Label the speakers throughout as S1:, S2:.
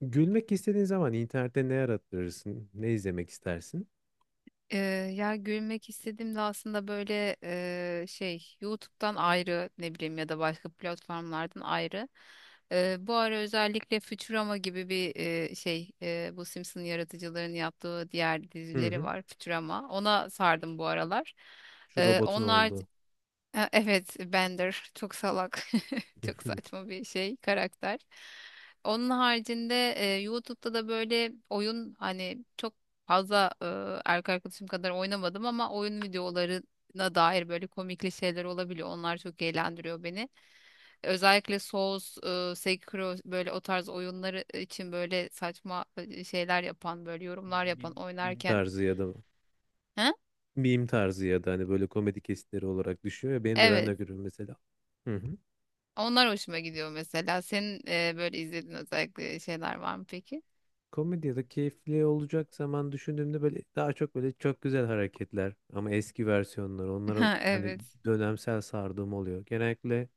S1: Gülmek istediğin zaman internette ne arattırırsın? Ne izlemek istersin?
S2: Ee, Ya gülmek istediğimde aslında böyle şey YouTube'dan ayrı, ne bileyim, ya da başka platformlardan ayrı. Bu ara özellikle Futurama gibi bir şey, bu Simpson yaratıcıların yaptığı diğer
S1: Hı
S2: dizileri
S1: hı.
S2: var, Futurama. Ona sardım bu aralar.
S1: Şu robotun
S2: Onlar
S1: olduğu.
S2: Ha, evet, Bender çok salak, çok saçma bir şey, karakter. Onun haricinde YouTube'da da böyle oyun, hani çok fazla erkek arkadaşım kadar oynamadım ama oyun videolarına dair böyle komikli şeyler olabiliyor. Onlar çok eğlendiriyor beni. Özellikle Souls, Sekiro, böyle o tarz oyunları için böyle saçma şeyler yapan, böyle yorumlar
S1: Meme
S2: yapan
S1: meme
S2: oynarken.
S1: tarzı ya da
S2: Ha?
S1: meme tarzı ya da hani böyle komedi kesitleri olarak düşüyor ya benim de ben de
S2: Evet.
S1: görüyorum mesela. Hı hı.
S2: Onlar hoşuma gidiyor mesela. Senin böyle izlediğin özellikle şeyler var mı peki?
S1: Komedi ya da keyifli olacak zaman düşündüğümde böyle daha çok böyle çok güzel hareketler ama eski versiyonları onlara
S2: Ha,
S1: hani
S2: evet.
S1: dönemsel sardığım oluyor. Genellikle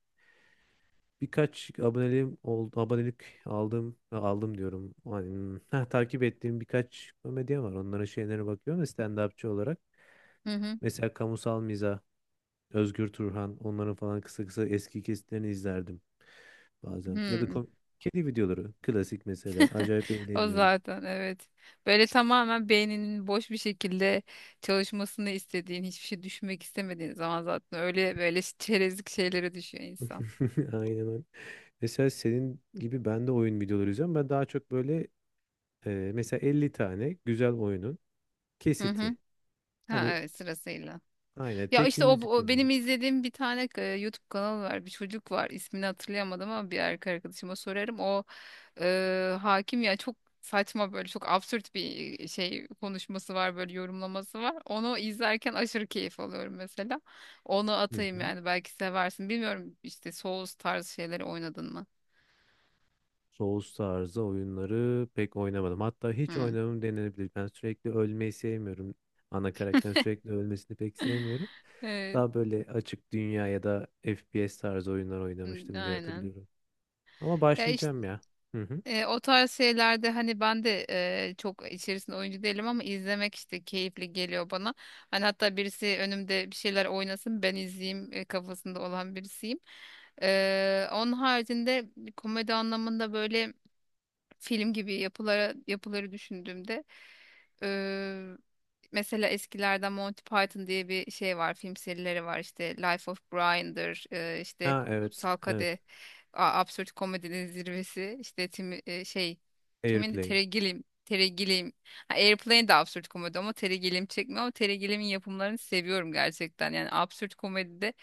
S1: birkaç aboneliğim oldu, abonelik aldım aldım diyorum. Hani, ha, takip ettiğim birkaç komedyen var. Onların şeylerine bakıyorum da stand-upçı olarak.
S2: Hı hı.
S1: Mesela Kamusal Mizah, Özgür Turhan onların falan kısa kısa eski kesitlerini izlerdim bazen. Ya da
S2: Hmm.
S1: kedi videoları klasik mesela acayip
S2: O
S1: eğleniyorum.
S2: zaten evet. Böyle tamamen beyninin boş bir şekilde çalışmasını istediğin, hiçbir şey düşünmek istemediğin zaman zaten öyle böyle çerezlik şeylere düşüyor insan.
S1: Aynen öyle. Mesela senin gibi ben de oyun videoları izliyorum. Ben daha çok böyle mesela 50 tane güzel oyunun
S2: Hı hı.
S1: kesiti.
S2: Ha,
S1: Hani
S2: evet, sırasıyla.
S1: aynen
S2: Ya
S1: tek bir
S2: işte, o,
S1: müzik
S2: o
S1: yolları.
S2: benim izlediğim bir tane YouTube kanalı var. Bir çocuk var. İsmini hatırlayamadım ama bir erkek arkadaşıma sorarım. O hakim ya, çok saçma, böyle çok absürt bir şey, konuşması var, böyle yorumlaması var. Onu izlerken aşırı keyif alıyorum mesela. Onu
S1: Hı
S2: atayım,
S1: hı.
S2: yani belki seversin. Bilmiyorum, işte Souls tarzı şeyleri oynadın mı?
S1: Souls tarzı oyunları pek oynamadım. Hatta hiç
S2: Hı.
S1: oynamam denilebilir. Ben sürekli ölmeyi sevmiyorum. Ana karakterin sürekli ölmesini pek sevmiyorum.
S2: Evet.
S1: Daha böyle açık dünya ya da FPS tarzı oyunlar
S2: Hı,
S1: oynamıştım diye
S2: aynen.
S1: hatırlıyorum. Ama
S2: Ya işte,
S1: başlayacağım ya. Hı hı.
S2: O tarz şeylerde hani ben de çok içerisinde oyuncu değilim ama izlemek işte keyifli geliyor bana. Hani hatta birisi önümde bir şeyler oynasın, ben izleyeyim kafasında olan birisiyim. Onun haricinde komedi anlamında böyle film gibi yapıları düşündüğümde, eee, mesela eskilerden Monty Python diye bir şey var, film serileri var, işte Life of Brian'dır, işte
S1: Ha, evet,
S2: Kutsal
S1: evet.
S2: Kadeh, absürt komedinin zirvesi. İşte Tim, şey kimin,
S1: Airplane.
S2: Terry Gilliam, Terry Gilliam, ha, Airplane de absürt komedi ama Terry Gilliam çekmiyor. Ama Terry Gilliam'in yapımlarını seviyorum gerçekten, yani absürt komedide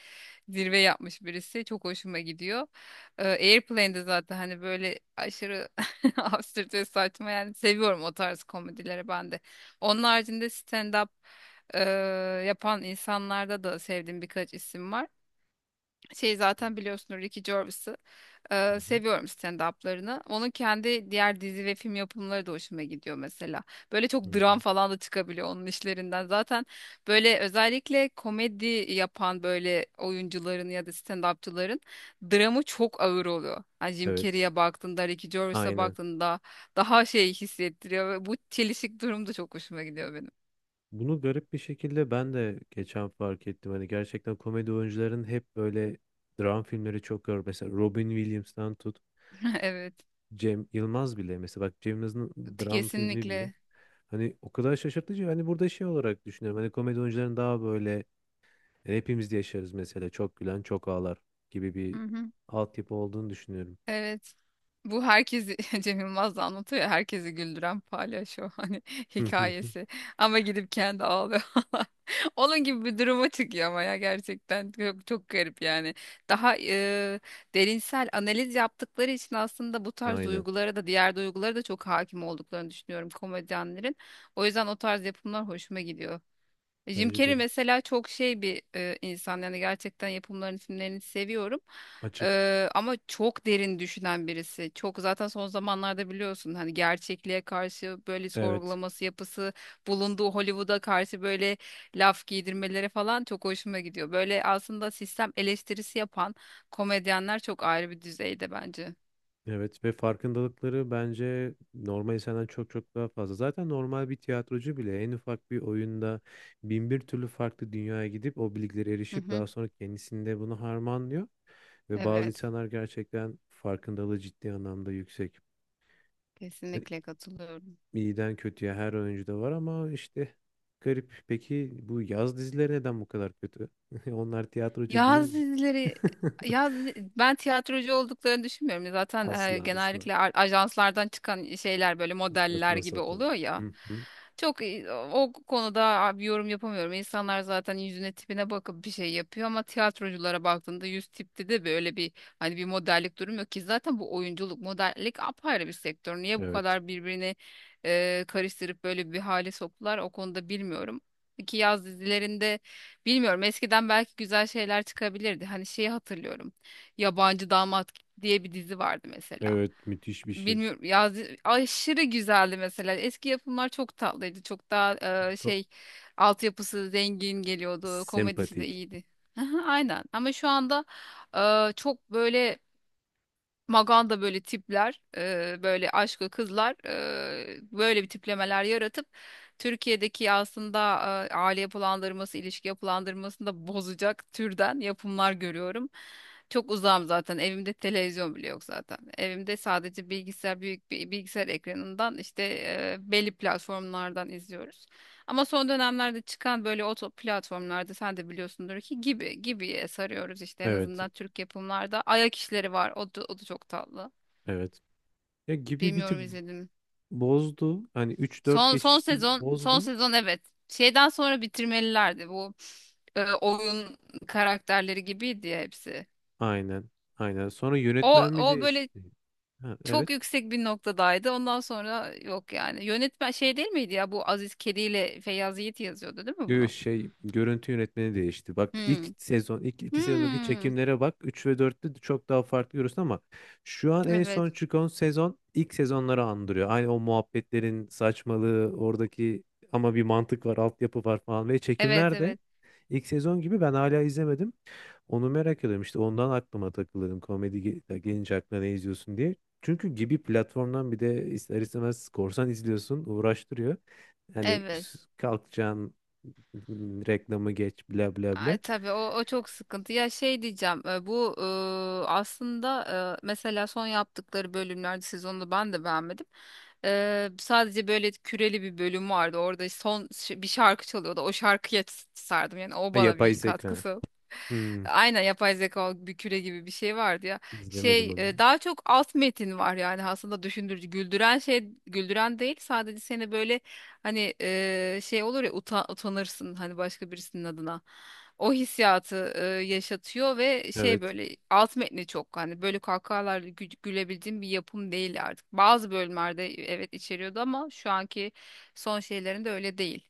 S2: zirve yapmış birisi, çok hoşuma gidiyor. Airplane'de zaten hani böyle aşırı absürt, saçma, yani seviyorum o tarz komedileri ben de. Onun haricinde stand-up e, yapan insanlarda da sevdiğim birkaç isim var. Şey,
S1: Hı
S2: zaten biliyorsunuz, Ricky Gervais'ı.
S1: hı.
S2: Seviyorum stand-up'larını. Onun kendi diğer dizi ve film yapımları da hoşuma gidiyor mesela. Böyle
S1: Hı
S2: çok
S1: hı.
S2: dram falan da çıkabiliyor onun işlerinden. Zaten böyle özellikle komedi yapan böyle oyuncuların ya da stand-upçıların dramı çok ağır oluyor. Hani Jim
S1: Evet.
S2: Carrey'e baktığında, Ricky Gervais'e
S1: Aynen.
S2: baktığında daha şey hissettiriyor, ve bu çelişik durum da çok hoşuma gidiyor benim.
S1: Bunu garip bir şekilde ben de geçen fark ettim. Hani gerçekten komedi oyuncuların hep böyle dram filmleri çok gör. Mesela Robin Williams'tan tut.
S2: Evet,
S1: Cem Yılmaz bile mesela bak Cem Yılmaz'ın dram filmi bile
S2: kesinlikle.
S1: hani o kadar şaşırtıcı hani burada şey olarak düşünüyorum hani komedi oyuncuların daha böyle yani hepimiz de yaşarız mesela çok gülen çok ağlar gibi bir
S2: Hı hı.
S1: altyapı olduğunu düşünüyorum.
S2: Evet. Bu herkesi Cem Yılmaz da anlatıyor ya, herkesi güldüren palyaço hani hikayesi. Ama gidip kendi ağlıyor. Onun gibi bir duruma çıkıyor ama ya gerçekten çok, çok garip yani. Daha derinsel analiz yaptıkları için aslında bu tarz
S1: Aynen
S2: duygulara da, diğer duygulara da çok hakim olduklarını düşünüyorum komedyenlerin. O yüzden o tarz yapımlar hoşuma gidiyor. Jim
S1: bence de
S2: Carrey mesela çok şey bir insan, yani gerçekten yapımların isimlerini seviyorum.
S1: açık.
S2: Ama çok derin düşünen birisi. Çok, zaten son zamanlarda biliyorsun hani, gerçekliğe karşı böyle
S1: evet
S2: sorgulaması, yapısı, bulunduğu Hollywood'a karşı böyle laf giydirmeleri falan çok hoşuma gidiyor. Böyle aslında sistem eleştirisi yapan komedyenler çok ayrı bir düzeyde bence.
S1: Evet ve farkındalıkları bence normal insandan çok çok daha fazla. Zaten normal bir tiyatrocu bile en ufak bir oyunda bin bir türlü farklı dünyaya gidip o bilgilere
S2: Hı
S1: erişip
S2: hı.
S1: daha sonra kendisinde bunu harmanlıyor. Ve bazı
S2: Evet,
S1: insanlar gerçekten farkındalığı ciddi anlamda yüksek. Yani
S2: kesinlikle katılıyorum.
S1: İyiden kötüye her oyuncuda var ama işte garip. Peki bu yaz dizileri neden bu kadar kötü? Onlar tiyatrocu değil
S2: Yaz
S1: mi?
S2: dizileri, ben tiyatrocu olduklarını düşünmüyorum. Zaten
S1: Asla asla.
S2: genellikle ajanslardan çıkan şeyler böyle modeller
S1: Saçma
S2: gibi
S1: sapan.
S2: oluyor ya.
S1: Hı hı.
S2: Çok, o konuda bir yorum yapamıyorum. İnsanlar zaten yüzüne, tipine bakıp bir şey yapıyor, ama tiyatroculara baktığında yüz tipte de böyle bir, hani, bir modellik durum yok ki. Zaten bu oyunculuk, modellik apayrı bir sektör. Niye bu
S1: Evet.
S2: kadar birbirini karıştırıp böyle bir hale soktular, o konuda bilmiyorum. Ki yaz dizilerinde, bilmiyorum, eskiden belki güzel şeyler çıkabilirdi. Hani şeyi hatırlıyorum, Yabancı Damat diye bir dizi vardı mesela.
S1: Evet müthiş bir şey.
S2: Bilmiyorum ya, aşırı güzeldi mesela. Eski yapımlar çok tatlıydı. Çok daha
S1: Ko-
S2: şey, altyapısı zengin geliyordu. Komedisi de
S1: Sempatik.
S2: iyiydi. Aha, aynen, ama şu anda çok böyle maganda böyle tipler, böyle aşkı kızlar, böyle bir tiplemeler yaratıp Türkiye'deki aslında aile yapılandırması, ilişki yapılandırmasını da bozacak türden yapımlar görüyorum. Çok uzağım zaten. Evimde televizyon bile yok zaten. Evimde sadece bilgisayar, büyük bir bilgisayar ekranından işte belli platformlardan izliyoruz. Ama son dönemlerde çıkan böyle oto platformlarda, sen de biliyorsundur ki, gibi gibiye sarıyoruz işte, en
S1: Evet,
S2: azından Türk yapımlarda. Ayak işleri var. O da, o da çok tatlı.
S1: evet. Ya gibi bir tık
S2: Bilmiyorum, izledim.
S1: bozdu. Hani üç dört
S2: Son son
S1: geçişte bir
S2: sezon son
S1: bozdu.
S2: sezon evet. Şeyden sonra bitirmelilerdi, bu oyun karakterleri gibiydi ya hepsi.
S1: Aynen, aynen. Sonra
S2: O
S1: yönetmen mi
S2: o böyle
S1: değişti? Ha, evet.
S2: çok yüksek bir noktadaydı. Ondan sonra yok yani. Yönetmen şey değil miydi ya, bu Aziz Kedi ile Feyyaz Yiğit yazıyordu, değil mi
S1: Yo,
S2: bunu?
S1: şey, görüntü yönetmeni değişti. Bak ilk
S2: Hmm.
S1: sezon, ilk 2 sezondaki
S2: Hmm.
S1: çekimlere bak. Üç ve dörtte de çok daha farklı görürsün ama şu an en
S2: Evet.
S1: son çıkan sezon ilk sezonları andırıyor. Aynı o muhabbetlerin saçmalığı, oradaki ama bir mantık var, altyapı var falan ve
S2: Evet,
S1: çekimler de
S2: evet.
S1: ilk sezon gibi ben hala izlemedim. Onu merak ediyorum işte ondan aklıma takılırım komedi gelince aklına ne izliyorsun diye. Çünkü gibi platformdan bir de ister istemez korsan izliyorsun uğraştırıyor. Hani
S2: Evet.
S1: kalkacaksın, reklamı geç bla bla bla.
S2: Ay, tabii, o çok sıkıntı. Ya şey diyeceğim, bu aslında, mesela son yaptıkları bölümlerde, sezonda ben de beğenmedim. Sadece böyle küreli bir bölüm vardı. Orada son bir şarkı çalıyordu. O şarkıya sardım. Yani o
S1: Ha,
S2: bana
S1: yapay
S2: bir
S1: zeka.
S2: katkısı.
S1: Hmm,
S2: Aynen, yapay zeka bir küre gibi bir şey vardı ya.
S1: izlemedim
S2: Şey,
S1: onu.
S2: daha çok alt metin var yani, aslında düşündürücü, güldüren, güldüren değil, sadece seni böyle, hani şey olur ya, utanırsın hani başka birisinin adına, o hissiyatı yaşatıyor. Ve şey,
S1: Evet.
S2: böyle alt metni çok, hani böyle kahkahalarla gülebildiğim bir yapım değil artık. Bazı bölümlerde evet içeriyordu, ama şu anki son şeylerinde öyle değil.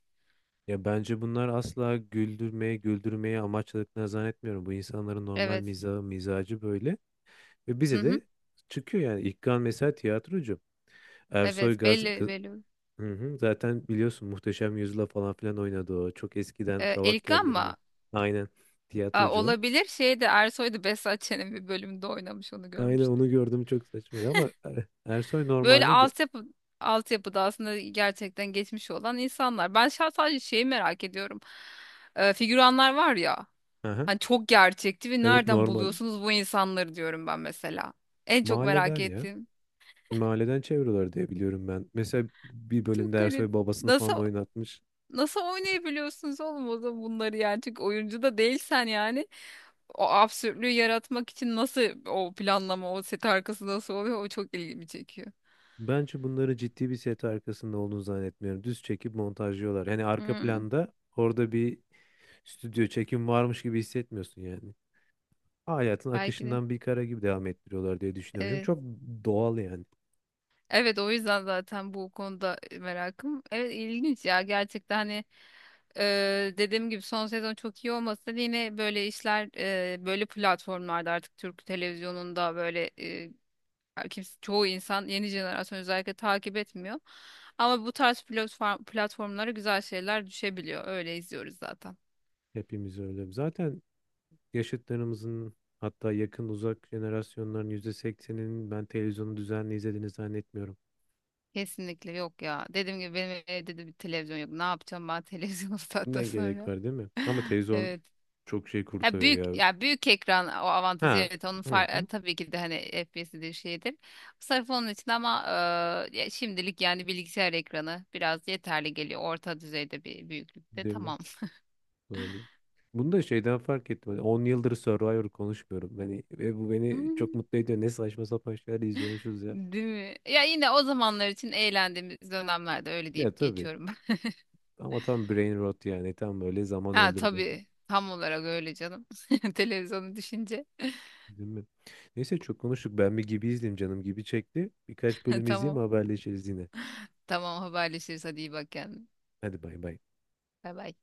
S1: Ya bence bunlar asla güldürmeye amaçladıklarını zannetmiyorum. Bu insanların normal
S2: Evet.
S1: mizahı, mizacı böyle. Ve
S2: Hı
S1: bize
S2: hı.
S1: de çıkıyor yani. İlkan mesela tiyatrocu. Ersoy
S2: Evet,
S1: Gaz.
S2: belli, belli.
S1: Hı hı. Zaten biliyorsun Muhteşem Yüzyıl'a falan filan oynadı o. Çok eskiden Kavak
S2: Elikan
S1: Yelleri
S2: mı?
S1: mi? Aynen.
S2: Aa,
S1: Tiyatrocu o.
S2: olabilir. Şeyde, Ersoy'da, Behzat Ç'nin bir bölümünde oynamış, onu
S1: Aynen
S2: görmüştüm.
S1: onu gördüm çok saçmaydı ama Ersoy
S2: Böyle
S1: normalde...
S2: altyapıda aslında gerçekten geçmiş olan insanlar. Ben şahsen sadece şeyi merak ediyorum. Figüranlar var ya.
S1: Aha.
S2: Hani çok gerçekti, ve
S1: Evet
S2: nereden
S1: normal.
S2: buluyorsunuz bu insanları diyorum ben mesela. En çok merak
S1: Mahalleden ya.
S2: ettiğim.
S1: Mahalleden çeviriyorlar diye biliyorum ben. Mesela bir
S2: Çok
S1: bölümde
S2: garip.
S1: Ersoy babasını
S2: Nasıl
S1: falan da oynatmış.
S2: nasıl oynayabiliyorsunuz oğlum o zaman bunları yani? Çünkü oyuncu da değilsen yani, o absürtlüğü yaratmak için nasıl, o planlama, o set arkası nasıl oluyor, o çok ilgimi çekiyor.
S1: Bence bunları ciddi bir set arkasında olduğunu zannetmiyorum. Düz çekip montajlıyorlar. Yani arka
S2: Hmm,
S1: planda orada bir stüdyo çekim varmış gibi hissetmiyorsun yani. Hayatın
S2: belki de.
S1: akışından bir kara gibi devam ettiriyorlar diye düşünüyorum. Çünkü
S2: Evet.
S1: çok doğal yani.
S2: Evet, o yüzden zaten bu konuda merakım. Evet, ilginç ya gerçekten, hani dediğim gibi son sezon çok iyi olmasa da, yine böyle işler böyle platformlarda, artık Türk televizyonunda böyle kimse, çoğu insan, yeni jenerasyon özellikle takip etmiyor. Ama bu tarz platformlara güzel şeyler düşebiliyor. Öyle izliyoruz zaten.
S1: Hepimiz öyle. Zaten yaşıtlarımızın hatta yakın uzak jenerasyonların %80'inin ben televizyonu düzenli izlediğini zannetmiyorum.
S2: Kesinlikle yok ya. Dediğim gibi benim evde de bir televizyon yok. Ne yapacağım ben televizyonu saatten
S1: Ne gerek
S2: sonra?
S1: var değil mi? Ama televizyon
S2: Evet.
S1: çok şey kurtarıyor ya.
S2: Ya büyük ekran, o avantajı,
S1: Ha.
S2: evet, onun
S1: Hı hı.
S2: tabii ki de, hani FPS'dir, şeydir. Sırf onun için ama, ya şimdilik yani bilgisayar ekranı biraz yeterli geliyor. Orta düzeyde bir büyüklükte,
S1: Değil mi?
S2: tamam.
S1: Doğru. Bunu da şeyden fark ettim. Hani 10 yıldır Survivor konuşmuyorum. Hani, ve bu beni çok mutlu ediyor. Ne saçma sapan şeyler izliyormuşuz ya.
S2: Değil mi? Ya yine o zamanlar için, eğlendiğimiz dönemlerde öyle
S1: Ya
S2: deyip
S1: tabii.
S2: geçiyorum ben.
S1: Ama tam brain rot yani. Tam böyle zaman
S2: Ha,
S1: öldürme.
S2: tabii, tam olarak öyle canım. Televizyonu düşünce.
S1: Değil mi? Neyse çok konuştuk. Ben bir gibi izleyeyim canım gibi çekti. Birkaç bölüm izleyeyim
S2: Tamam.
S1: haberleşiriz yine.
S2: Tamam, haberleşiriz, hadi, iyi bak kendine.
S1: Hadi bay bay.
S2: Bay bay.